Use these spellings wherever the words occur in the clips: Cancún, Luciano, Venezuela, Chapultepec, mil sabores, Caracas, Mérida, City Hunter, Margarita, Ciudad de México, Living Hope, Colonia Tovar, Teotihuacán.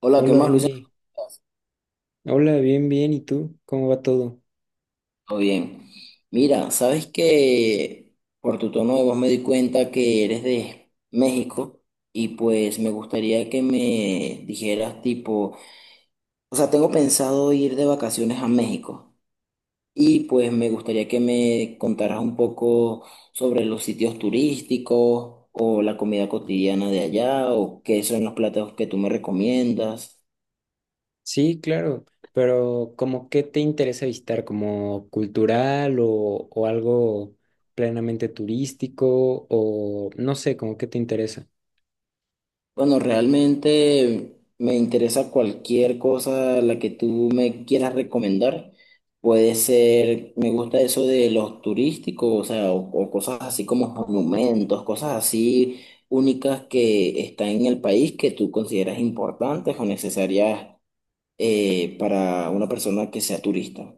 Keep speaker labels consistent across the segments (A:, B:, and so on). A: Hola, ¿qué
B: Hola
A: más, Luciano?
B: Ronnie, hola, bien, bien, ¿y tú? ¿Cómo va todo?
A: Todo bien. Mira, sabes que por tu tono de voz me di cuenta que eres de México y pues me gustaría que me dijeras tipo, o sea, tengo pensado ir de vacaciones a México y pues me gustaría que me contaras un poco sobre los sitios turísticos o la comida cotidiana de allá o qué son los platos que tú me recomiendas.
B: Sí, claro, pero ¿cómo qué te interesa visitar? ¿Como cultural o algo plenamente turístico o no sé, cómo qué te interesa?
A: Bueno, realmente me interesa cualquier cosa la que tú me quieras recomendar. Puede ser, me gusta eso de los turísticos, o sea, o cosas así como monumentos, cosas así únicas que están en el país que tú consideras importantes o necesarias para una persona que sea turista.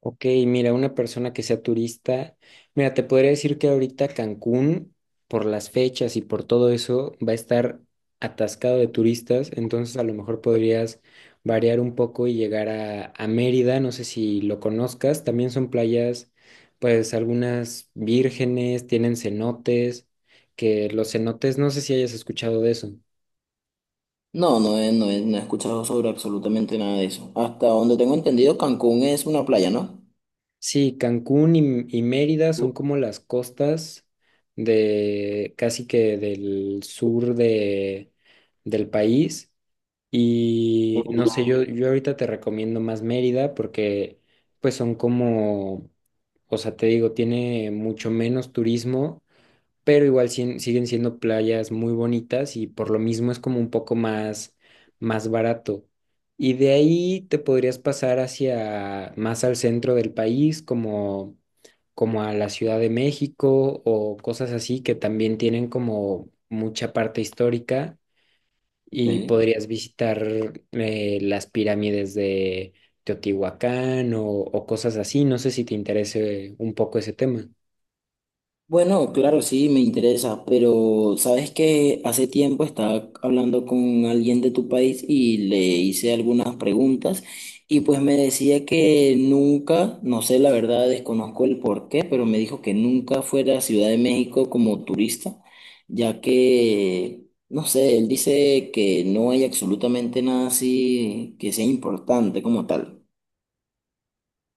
B: Ok, mira, una persona que sea turista, mira, te podría decir que ahorita Cancún, por las fechas y por todo eso, va a estar atascado de turistas, entonces a lo mejor podrías variar un poco y llegar a Mérida, no sé si lo conozcas, también son playas, pues algunas vírgenes, tienen cenotes, que los cenotes, no sé si hayas escuchado de eso.
A: No, no he escuchado sobre absolutamente nada de eso. Hasta donde tengo entendido, Cancún es una playa, ¿no?
B: Sí, Cancún y Mérida son como las costas de casi que del sur de, del país. Y no sé, yo ahorita te recomiendo más Mérida porque pues son como, o sea, te digo, tiene mucho menos turismo pero igual siguen siendo playas muy bonitas y por lo mismo es como un poco más, más barato. Y de ahí te podrías pasar hacia más al centro del país, como, como a la Ciudad de México o cosas así que también tienen como mucha parte histórica y
A: Ok.
B: podrías visitar las pirámides de Teotihuacán o cosas así. No sé si te interese un poco ese tema.
A: Bueno, claro, sí, me interesa, pero sabes que hace tiempo estaba hablando con alguien de tu país y le hice algunas preguntas y pues me decía que nunca, no sé la verdad, desconozco el por qué, pero me dijo que nunca fuera a Ciudad de México como turista, ya que, no sé, él dice que no hay absolutamente nada así que sea importante como tal.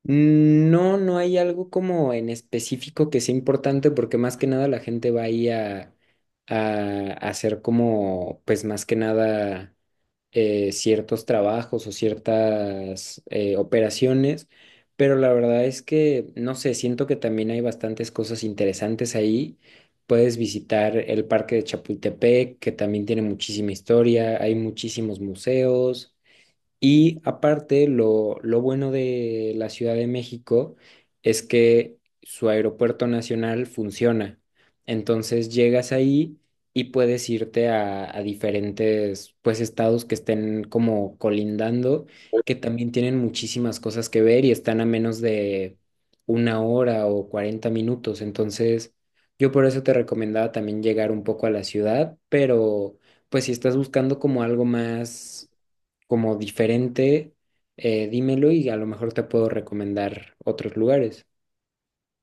B: Mm, no, no hay algo como en específico que sea importante porque más que nada la gente va ahí a hacer como, pues más que nada ciertos trabajos o ciertas operaciones, pero la verdad es que, no sé, siento que también hay bastantes cosas interesantes ahí. Puedes visitar el Parque de Chapultepec, que también tiene muchísima historia, hay muchísimos museos. Y aparte, lo bueno de la Ciudad de México es que su aeropuerto nacional funciona. Entonces llegas ahí y puedes irte a diferentes pues estados que estén como colindando, que también tienen muchísimas cosas que ver y están a menos de una hora o 40 minutos. Entonces, yo por eso te recomendaba también llegar un poco a la ciudad, pero pues si estás buscando como algo más como diferente, dímelo y a lo mejor te puedo recomendar otros lugares.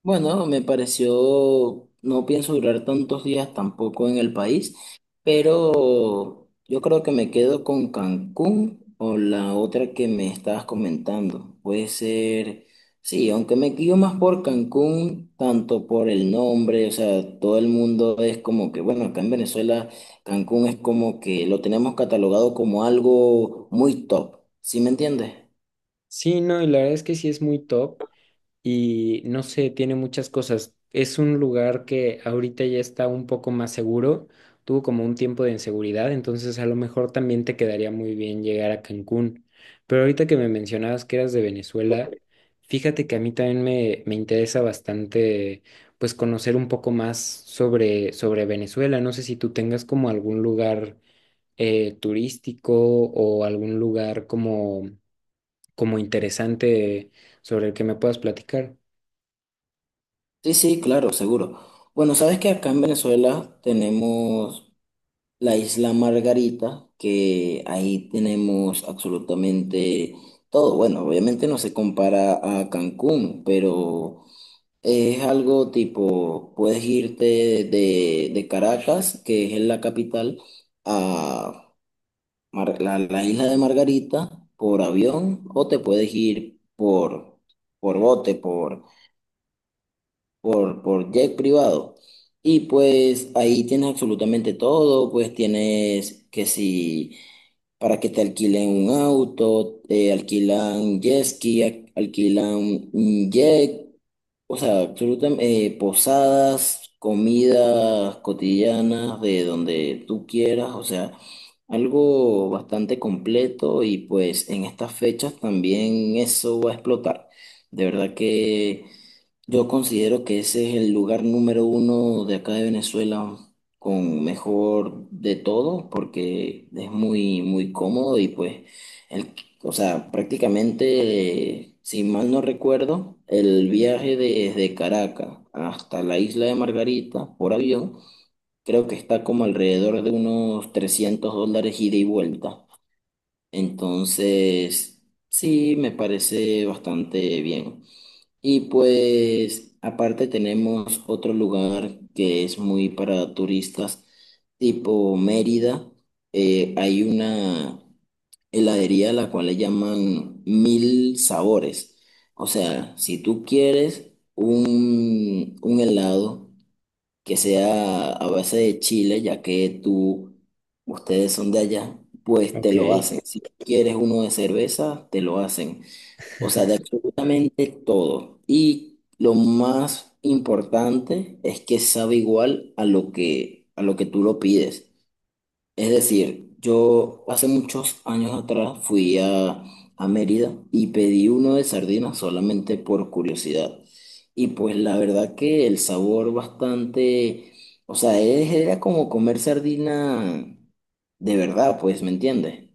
A: Bueno, me pareció, no pienso durar tantos días tampoco en el país, pero yo creo que me quedo con Cancún o la otra que me estabas comentando. Puede ser, sí, aunque me guío más por Cancún, tanto por el nombre, o sea, todo el mundo es como que, bueno, acá en Venezuela Cancún es como que lo tenemos catalogado como algo muy top, ¿sí me entiendes?
B: Sí, no, y la verdad es que sí es muy top. Y no sé, tiene muchas cosas. Es un lugar que ahorita ya está un poco más seguro. Tuvo como un tiempo de inseguridad, entonces a lo mejor también te quedaría muy bien llegar a Cancún. Pero ahorita que me mencionabas que eras de Venezuela, fíjate que a mí también me interesa bastante pues conocer un poco más sobre Venezuela. No sé si tú tengas como algún lugar turístico o algún lugar como, como interesante sobre el que me puedas platicar.
A: Sí, sí, claro, seguro. Bueno, sabes que acá en Venezuela tenemos la isla Margarita, que ahí tenemos absolutamente todo. Bueno, obviamente no se compara a Cancún, pero es algo tipo, puedes irte de Caracas, que es la capital, a la isla de Margarita por avión, o te puedes ir por bote, por jet privado. Y pues ahí tienes absolutamente todo, pues tienes que si para que te alquilen un auto, alquilan jet ski, alquilan un jet, o sea, absolutamente, posadas, comidas cotidianas de donde tú quieras, o sea, algo bastante completo y pues en estas fechas también eso va a explotar. De verdad que yo considero que ese es el lugar número uno de acá de Venezuela con mejor de todo porque es muy, muy cómodo y pues el o sea, prácticamente, si mal no recuerdo, el viaje desde Caracas hasta la isla de Margarita por avión, creo que está como alrededor de unos $300 ida y vuelta. Entonces, sí, me parece bastante bien. Y pues, aparte tenemos otro lugar que es muy para turistas, tipo Mérida. Hay una heladería la cual le llaman mil sabores. O sea, si tú quieres un helado que sea a base de chile, ya que tú, ustedes son de allá, pues te lo
B: Ok.
A: hacen. Si quieres uno de cerveza, te lo hacen. O sea, de absolutamente todo. Y lo más importante es que sabe igual a lo que tú lo pides. Es decir, yo hace muchos años atrás fui a Mérida y pedí uno de sardinas solamente por curiosidad. Y pues la verdad que el sabor bastante, o sea, era como comer sardina de verdad, pues, ¿me entiendes?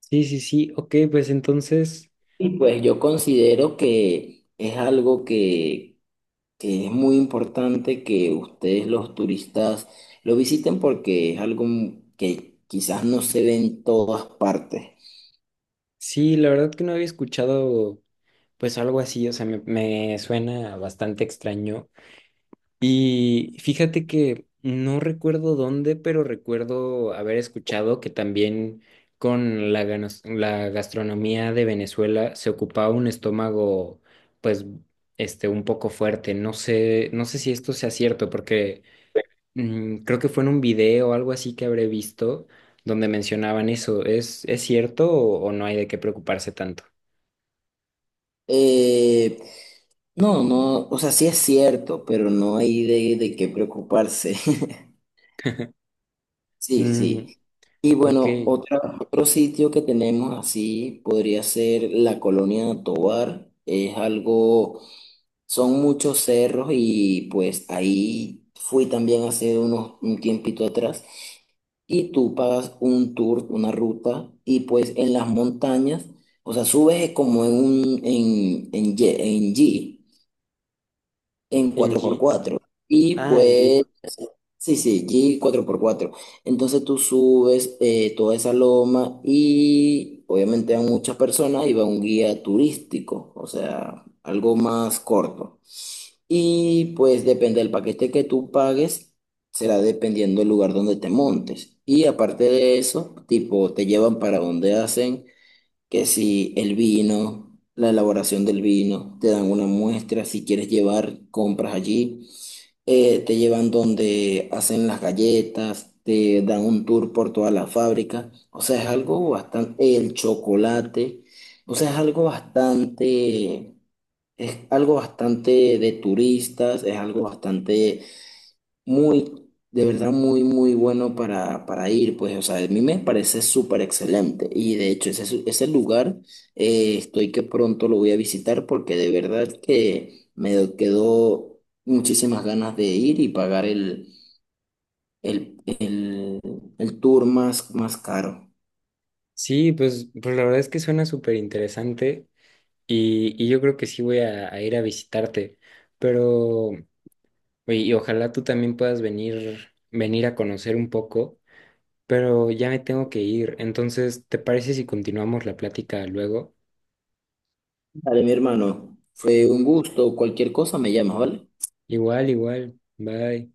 B: Sí, sí, sí. Ok, pues entonces,
A: Y pues yo considero que es algo que es muy importante que ustedes los turistas lo visiten porque es algo que quizás no se ve en todas partes.
B: sí, la verdad que no había escuchado pues algo así, o sea, me suena bastante extraño. Y fíjate que no recuerdo dónde, pero recuerdo haber escuchado que también con la, la gastronomía de Venezuela se ocupaba un estómago pues este un poco fuerte. No sé, no sé si esto sea cierto, porque mm, creo que fue en un video o algo así que habré visto donde mencionaban eso. Es cierto o no hay de qué preocuparse tanto?
A: Eh, no, no, o sea, sí es cierto, pero no hay de qué preocuparse. Sí,
B: Mm,
A: sí. Y
B: ok.
A: bueno, otro sitio que tenemos así podría ser la Colonia Tovar. Es algo, son muchos cerros y pues ahí fui también hace un tiempito atrás y tú pagas un tour, una ruta y pues en las montañas, o sea, subes como en un, en, ye- en G. en
B: En
A: cuatro por
B: Jeep.
A: cuatro. Y
B: Ah, en Jeep.
A: pues, sí, sí, Jeep cuatro por cuatro. Entonces tú subes toda esa loma y obviamente a muchas personas y va un guía turístico, o sea, algo más corto. Y pues depende del paquete que tú pagues, será dependiendo del lugar donde te montes. Y aparte de eso, tipo, te llevan para donde hacen, que si el vino, la elaboración del vino, te dan una muestra, si quieres llevar, compras allí te llevan donde hacen las galletas, te dan un tour por toda la fábrica, o sea, es algo bastante, el chocolate, o sea, es algo bastante de turistas, es algo bastante muy, de verdad, muy, muy bueno para, ir, pues, o sea, a mí me parece súper excelente. Y de hecho, ese lugar, estoy que pronto lo voy a visitar porque de verdad que me quedó muchísimas ganas de ir y pagar el, el, el tour más, más caro.
B: Sí, pues, pues la verdad es que suena súper interesante y yo creo que sí voy a ir a visitarte. Pero, y ojalá tú también puedas venir, venir a conocer un poco, pero ya me tengo que ir. Entonces, ¿te parece si continuamos la plática luego?
A: Vale, mi hermano, fue un gusto. Cualquier cosa me llamas, ¿vale?
B: Igual, igual. Bye.